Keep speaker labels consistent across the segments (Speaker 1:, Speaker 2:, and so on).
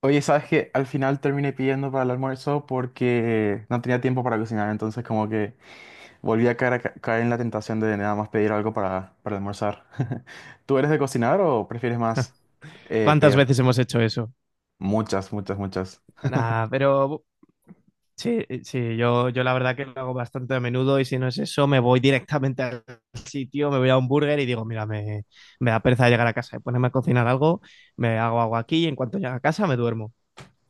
Speaker 1: Oye, ¿sabes qué? Al final terminé pidiendo para el almuerzo porque no tenía tiempo para cocinar, entonces como que volví a caer, caer en la tentación de nada más pedir algo para almorzar. ¿Tú eres de cocinar o prefieres más
Speaker 2: ¿Cuántas
Speaker 1: pedir?
Speaker 2: veces hemos hecho eso?
Speaker 1: Muchas, muchas, muchas.
Speaker 2: Nah, pero sí, sí, yo la verdad que lo hago bastante a menudo y si no es eso, me voy directamente al sitio, me voy a un burger y digo, mira, me da pereza llegar a casa y ponerme a cocinar algo, me hago agua aquí y en cuanto llego a casa me duermo.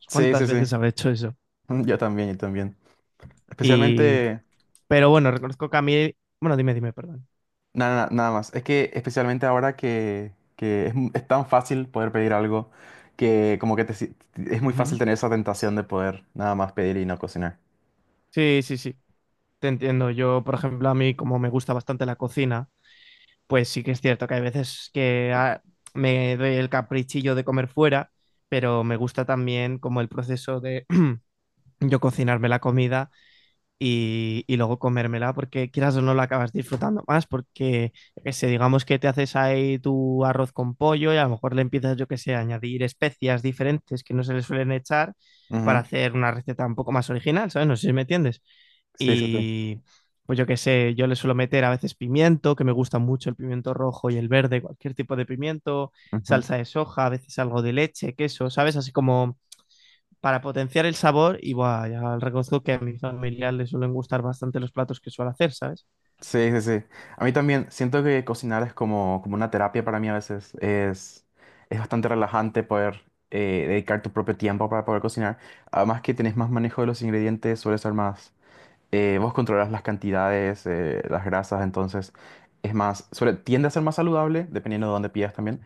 Speaker 1: Sí,
Speaker 2: ¿Cuántas
Speaker 1: sí, sí.
Speaker 2: veces habré hecho eso?
Speaker 1: Yo también, yo también.
Speaker 2: Y,
Speaker 1: Especialmente,
Speaker 2: pero bueno, reconozco que a mí, bueno, dime, dime, perdón.
Speaker 1: nada, nada, nada más. Es que especialmente ahora que es, es tan fácil poder pedir algo que como que te si- es muy fácil
Speaker 2: Ujú.
Speaker 1: tener esa tentación de poder nada más pedir y no cocinar.
Speaker 2: Sí, sí, sí, te entiendo. Yo, por ejemplo, a mí como me gusta bastante la cocina, pues sí que es cierto que hay veces que me doy el caprichillo de comer fuera, pero me gusta también como el proceso de yo cocinarme la comida y luego comérmela porque quieras o no la acabas disfrutando más porque, yo qué sé, digamos que te haces ahí tu arroz con pollo y a lo mejor le empiezas, yo qué sé, a añadir especias diferentes que no se le suelen echar para
Speaker 1: Ujú.
Speaker 2: hacer una receta un poco más original, ¿sabes? No sé si me entiendes.
Speaker 1: Sí, sí, sí.
Speaker 2: Y pues yo qué sé, yo le suelo meter a veces pimiento, que me gusta mucho el pimiento rojo y el verde, cualquier tipo de pimiento,
Speaker 1: Ujú.
Speaker 2: salsa de soja, a veces algo de leche, queso, ¿sabes? Así como para potenciar el sabor y buah, ya reconozco que a mi familia le suelen gustar bastante los platos que suelo hacer, ¿sabes?
Speaker 1: Sí, sí, sí. A mí también siento que cocinar es como una terapia para mí a veces. Es bastante relajante poder dedicar tu propio tiempo para poder cocinar. Además que tenés más manejo de los ingredientes, suele ser más... vos controlas las cantidades, las grasas, entonces es más... Suele, tiende a ser más saludable, dependiendo de dónde pidas también.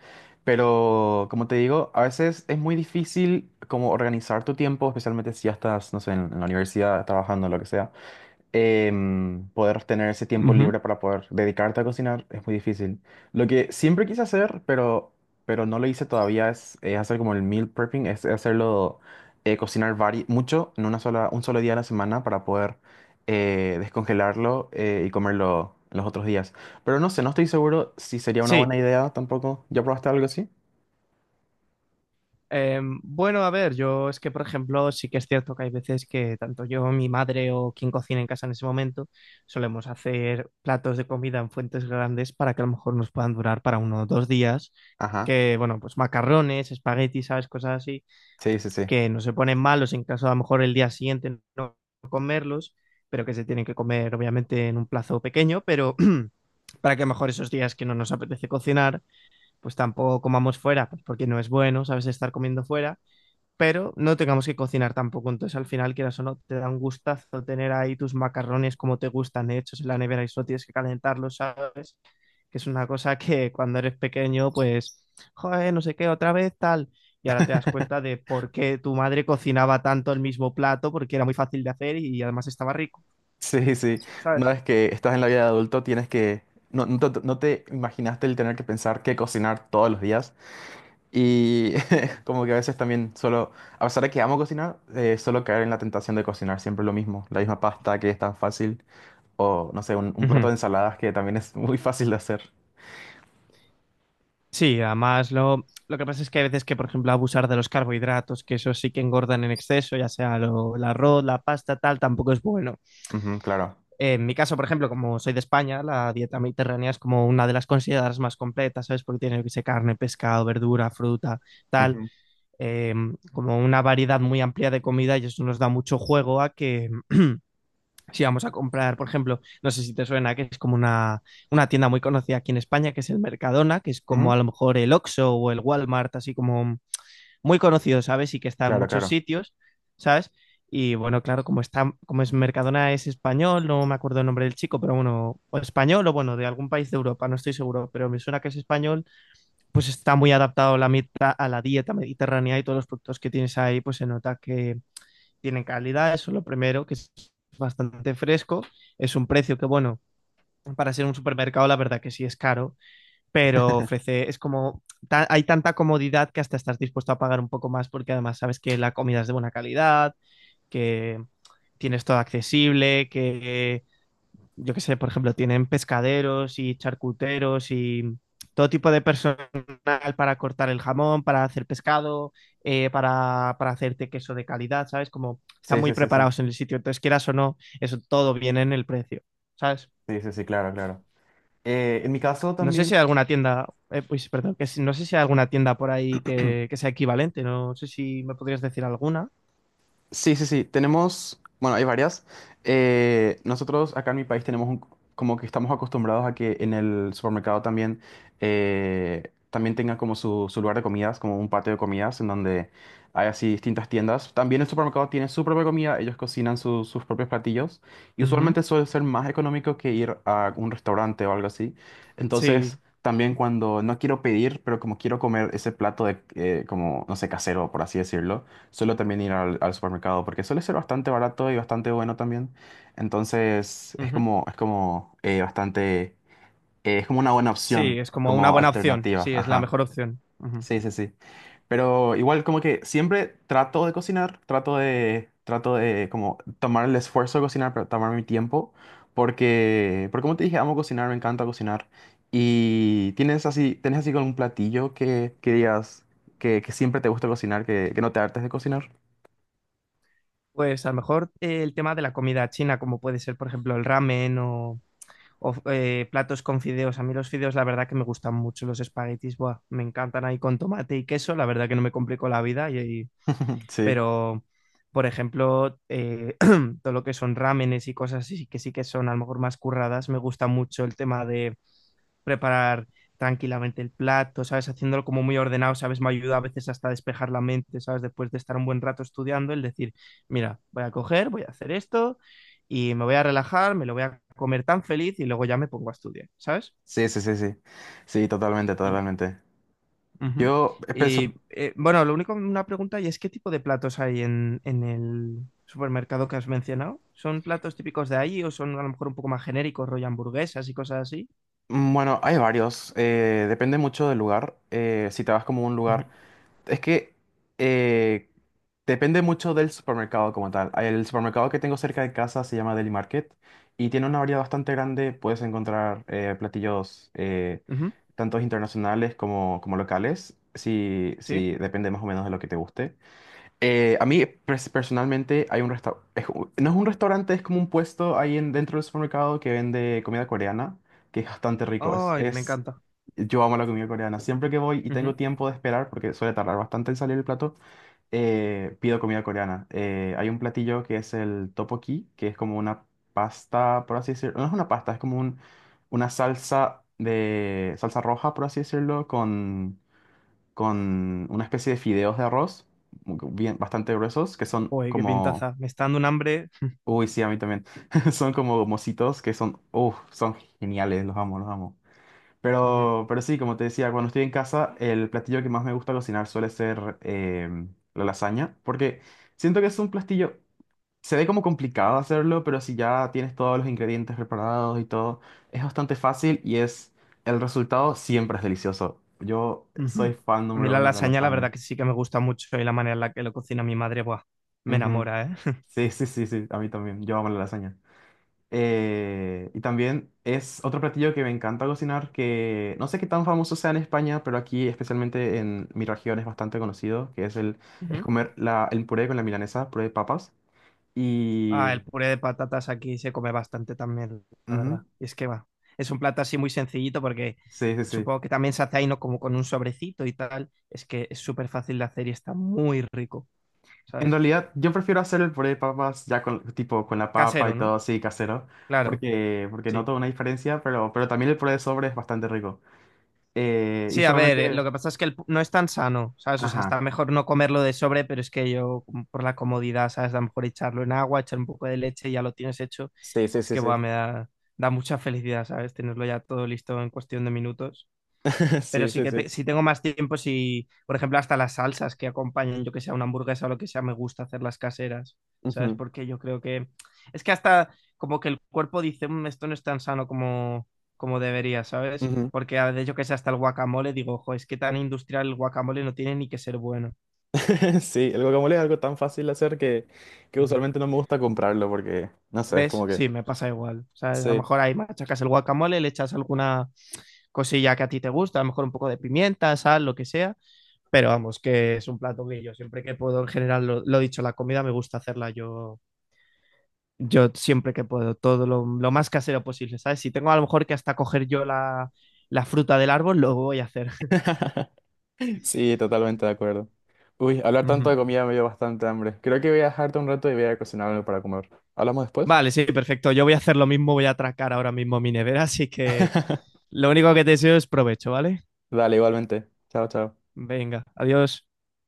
Speaker 1: Pero como te digo, a veces es muy difícil como organizar tu tiempo, especialmente si ya estás, no sé, en la universidad, trabajando, lo que sea. Poder tener ese tiempo
Speaker 2: Ujú.
Speaker 1: libre para poder dedicarte a cocinar es muy difícil. Lo que siempre quise hacer, pero no lo hice todavía, hacer como el meal prepping, es cocinar mucho en una un solo día a la semana para poder descongelarlo y comerlo los otros días. Pero no sé, no estoy seguro si sería una buena
Speaker 2: Sí.
Speaker 1: idea tampoco. ¿Ya probaste algo así?
Speaker 2: Bueno, a ver, yo es que, por ejemplo, sí que es cierto que hay veces que tanto yo, mi madre o quien cocina en casa en ese momento, solemos hacer platos de comida en fuentes grandes para que a lo mejor nos puedan durar para uno o dos días,
Speaker 1: Ajá,
Speaker 2: que, bueno, pues macarrones, espaguetis, ¿sabes? Cosas así
Speaker 1: sí, sí, sí.
Speaker 2: que no se ponen malos en caso a lo mejor el día siguiente no comerlos, pero que se tienen que comer obviamente en un plazo pequeño, pero para que a lo mejor esos días que no nos apetece cocinar, pues tampoco comamos fuera, pues porque no es bueno, sabes, estar comiendo fuera, pero no tengamos que cocinar tampoco, entonces al final quieras o no, te da un gustazo tener ahí tus macarrones como te gustan hechos en la nevera y solo tienes que calentarlos, sabes, que es una cosa que cuando eres pequeño, pues, joder, no sé qué, otra vez tal. Y ahora te das cuenta de por qué tu madre cocinaba tanto el mismo plato, porque era muy fácil de hacer y además estaba rico,
Speaker 1: Sí, sí. Una
Speaker 2: ¿sabes?
Speaker 1: vez que estás en la vida de adulto, tienes que... No, no te imaginaste el tener que pensar qué cocinar todos los días. Y como que a veces también solo... A pesar de que amo cocinar, solo caer en la tentación de cocinar siempre lo mismo. La misma pasta que es tan fácil. O, no sé, un plato
Speaker 2: Ujú.
Speaker 1: de ensaladas que también es muy fácil de hacer.
Speaker 2: Sí, además lo que pasa es que hay veces que, por ejemplo, abusar de los carbohidratos, que eso sí que engordan en exceso, ya sea lo- el arroz, la pasta, tal, tampoco es bueno.
Speaker 1: Ujú, claro.
Speaker 2: En mi caso, por ejemplo, como soy de España, la dieta mediterránea es como una de las consideradas más completas, ¿sabes? Porque tiene, yo qué sé, carne, pescado, verdura, fruta, tal.
Speaker 1: Ujú,
Speaker 2: eh, Como una variedad muy amplia de comida y eso nos da mucho juego a que si vamos a comprar, por ejemplo, no sé si te suena, que es como una tienda muy conocida aquí en España, que es el Mercadona, que es como
Speaker 1: ujú.
Speaker 2: a lo mejor el Oxxo o el Walmart, así como muy conocido, ¿sabes? Y que está en
Speaker 1: Claro,
Speaker 2: muchos
Speaker 1: claro.
Speaker 2: sitios, ¿sabes? Y bueno, claro, como está, como es Mercadona es español, no me acuerdo el nombre del chico, pero bueno, o español o bueno, de algún país de Europa, no estoy seguro, pero me suena que es español pues está muy adaptado la mita- a la dieta mediterránea y todos los productos que tienes ahí, pues se nota que tienen calidad, eso es lo primero, que es bastante fresco, es un precio que, bueno, para ser un supermercado, la verdad que sí es caro, pero ofrece, es como, ta- hay tanta comodidad que hasta estás dispuesto a pagar un poco más porque además sabes que la comida es de buena calidad, que tienes todo accesible, que yo qué sé, por ejemplo, tienen pescaderos y charcuteros y todo tipo de personal para cortar el jamón, para hacer pescado, para hacerte queso de calidad, ¿sabes? Como están
Speaker 1: Sí,
Speaker 2: muy
Speaker 1: sí, sí, sí.
Speaker 2: preparados en el sitio. Entonces, quieras o no, eso todo viene en el precio, ¿sabes?
Speaker 1: Sí, sí, sí, claro, claro. En mi caso
Speaker 2: No sé si
Speaker 1: también...
Speaker 2: hay alguna tienda, pues, perdón, que si- no sé si hay alguna tienda por ahí que sea equivalente, no sé si me podrías decir alguna.
Speaker 1: Sí, sí, sí. Tenemos, bueno, hay varias. Nosotros acá en mi país tenemos un- como que estamos acostumbrados a que en el supermercado también, también tenga como su lugar de comidas, como un patio de comidas en donde hay así distintas tiendas. También el supermercado tiene su propia comida, ellos cocinan sus propios platillos y
Speaker 2: Ujú,
Speaker 1: usualmente suele ser más económico que ir a un restaurante o algo así.
Speaker 2: sí,
Speaker 1: Entonces, también cuando no quiero pedir, pero como quiero comer ese plato de, como, no sé, casero, por así decirlo. Suelo también ir al supermercado porque suele ser bastante barato y bastante bueno también. Entonces
Speaker 2: ujú.
Speaker 1: es como bastante, es como una buena opción,
Speaker 2: Sí, es como una
Speaker 1: como
Speaker 2: buena opción,
Speaker 1: alternativa.
Speaker 2: sí, es la
Speaker 1: Ajá.
Speaker 2: mejor opción. Ujú.
Speaker 1: Sí, sí, sí. Pero igual como que siempre trato de cocinar, trato trato de como tomar el esfuerzo de cocinar, pero tomar mi tiempo. Porque como te dije, amo cocinar, me encanta cocinar. Y tienes así con un platillo que digas que siempre te gusta cocinar, que no te hartes de cocinar.
Speaker 2: Pues a lo mejor el tema de la comida china, como puede ser, por ejemplo, el ramen o, o platos con fideos. A mí los fideos, la verdad que me gustan mucho los espaguetis, buah, me encantan ahí con tomate y queso, la verdad que no me complico la vida, y-
Speaker 1: Sí,
Speaker 2: pero, por ejemplo, todo lo que son ramenes y cosas así, que sí que son a lo mejor más curradas, me gusta mucho el tema de preparar tranquilamente el plato, ¿sabes? Haciéndolo como muy ordenado, ¿sabes? Me ayuda a veces hasta a despejar la mente, ¿sabes? Después de estar un buen rato estudiando, el decir, mira, voy a coger, voy a hacer esto y me voy a relajar, me lo voy a comer tan feliz y luego ya me pongo a estudiar, ¿sabes?
Speaker 1: sí, sí, sí, sí. Sí, totalmente,
Speaker 2: Y,
Speaker 1: totalmente.
Speaker 2: ujú.
Speaker 1: Yo
Speaker 2: Y, bueno, lo único, una pregunta y es ¿qué tipo de platos hay en el supermercado que has mencionado? ¿Son platos típicos de ahí o son a lo mejor un poco más genéricos, rollo hamburguesas y cosas así?
Speaker 1: mm, bueno, hay varios. Eh, depende mucho del lugar. Eh, si te vas como a un
Speaker 2: Ujú,
Speaker 1: lugar. Es que eh, depende mucho del supermercado como tal. El supermercado que tengo cerca de casa se llama Deli Market y tiene una variedad bastante grande. Puedes encontrar platillos
Speaker 2: ujú,
Speaker 1: tantos internacionales como, como locales.
Speaker 2: sí.
Speaker 1: Si depende más o menos de lo que te guste. A mí personalmente hay un restaurante, no es un restaurante, es como un puesto ahí en, dentro del supermercado que vende comida coreana, que es bastante rico.
Speaker 2: Ay, me
Speaker 1: Es-
Speaker 2: encanta.
Speaker 1: yo amo la comida coreana. Siempre que voy y tengo tiempo de esperar, porque suele tardar bastante en salir el plato, pido comida coreana. Hay un platillo que es el tteokbokki, que es como una pasta, por así decirlo. No es una pasta, es como una salsa de salsa roja, por así decirlo, con una especie de fideos de arroz, bien, bastante gruesos, que son
Speaker 2: Joder, qué
Speaker 1: como...
Speaker 2: pintaza. Me está dando un hambre.
Speaker 1: Uy, sí, a mí también. Son como mocitos que son... Uf, son geniales, los amo, los amo.
Speaker 2: Ujú,
Speaker 1: Pero sí, como te decía, cuando estoy en casa, el platillo que más me gusta cocinar suele ser la lasaña, porque siento que es un platillo... Se ve como complicado hacerlo, pero si ya tienes todos los ingredientes preparados y todo, es bastante fácil y es... El resultado siempre es delicioso. Yo
Speaker 2: ujú.
Speaker 1: soy fan
Speaker 2: A mí
Speaker 1: número
Speaker 2: la
Speaker 1: uno de la
Speaker 2: lasaña, la
Speaker 1: lasaña.
Speaker 2: verdad que sí que me gusta mucho y la manera en la que lo cocina mi madre, buah, me
Speaker 1: Ujú.
Speaker 2: enamora, ¿eh?
Speaker 1: Sí, sí, sí, sí, a mí también. Yo amo la lasaña. Y también es otro platillo que me encanta cocinar, que no sé qué tan famoso sea en España, pero aquí, especialmente en mi región, es bastante conocido, que es el es
Speaker 2: Ujú.
Speaker 1: comer el puré con la milanesa, puré de papas.
Speaker 2: Ah,
Speaker 1: Y...
Speaker 2: el puré de patatas aquí se come bastante también.
Speaker 1: ujú,
Speaker 2: Y es que va. Es un plato así muy sencillito porque
Speaker 1: sí, sí, sí.
Speaker 2: supongo que también se hace ahí, ¿no? Como con un sobrecito y tal. Es que es súper fácil de hacer y está muy rico,
Speaker 1: En
Speaker 2: ¿sabes?
Speaker 1: realidad, yo prefiero hacer el puré de papas ya con, tipo, con la papa y
Speaker 2: Casero,
Speaker 1: todo
Speaker 2: ¿no?
Speaker 1: así, casero,
Speaker 2: Claro,
Speaker 1: porque
Speaker 2: sí.
Speaker 1: noto una diferencia, pero también el puré de sobre es bastante rico. Y
Speaker 2: Sí, a ver, lo
Speaker 1: usualmente...
Speaker 2: que pasa es que el pu- no es tan sano, ¿sabes? O sea,
Speaker 1: Ajá.
Speaker 2: está mejor no comerlo de sobre, pero es que yo, como por la comodidad, ¿sabes? A lo mejor echarlo en agua, echar un poco de leche y ya lo tienes hecho.
Speaker 1: Sí, sí,
Speaker 2: Es
Speaker 1: sí,
Speaker 2: que,
Speaker 1: sí.
Speaker 2: buah, me da, da mucha felicidad, ¿sabes? Tenerlo ya todo listo en cuestión de minutos pero
Speaker 1: Sí,
Speaker 2: sí
Speaker 1: sí,
Speaker 2: que
Speaker 1: sí.
Speaker 2: te- si tengo más tiempo, si, por ejemplo, hasta las salsas que acompañan, yo que sea una hamburguesa o lo que sea, me gusta hacerlas caseras, ¿sabes?
Speaker 1: Ujú,
Speaker 2: Porque yo creo que es que hasta como que el cuerpo dice, "Mm, esto no es tan sano como, como debería, ¿sabes?
Speaker 1: ujú.
Speaker 2: Porque a veces yo que sé, hasta el guacamole, digo, ojo, es que tan industrial el guacamole no tiene ni que ser bueno.
Speaker 1: Sí, el guacamole es algo tan fácil de hacer que
Speaker 2: Ujú.
Speaker 1: usualmente no me gusta comprarlo porque, no sé, es
Speaker 2: ¿Ves?
Speaker 1: como que...
Speaker 2: Sí, me pasa igual. ¿Sabes? A lo
Speaker 1: Sí.
Speaker 2: mejor ahí machacas el guacamole, le echas alguna cosilla que a ti te gusta, a lo mejor un poco de pimienta, sal, lo que sea Pero vamos, que es un plato que yo siempre que puedo, en general, lo dicho, la comida me gusta hacerla yo, yo siempre que puedo, todo lo más casero posible, ¿sabes? Si tengo a lo mejor que hasta coger yo la, la fruta del árbol, lo voy a hacer.
Speaker 1: Sí, totalmente de acuerdo. Uy, hablar tanto
Speaker 2: Ujú.
Speaker 1: de comida me dio bastante hambre. Creo que voy a dejarte un rato y voy a cocinar algo para comer. ¿Hablamos después?
Speaker 2: Vale, sí, perfecto. Yo voy a hacer lo mismo, voy a atracar ahora mismo mi nevera, así que lo único que te deseo es provecho, ¿vale?
Speaker 1: Dale, igualmente. Chao, chao.
Speaker 2: Venga, adiós.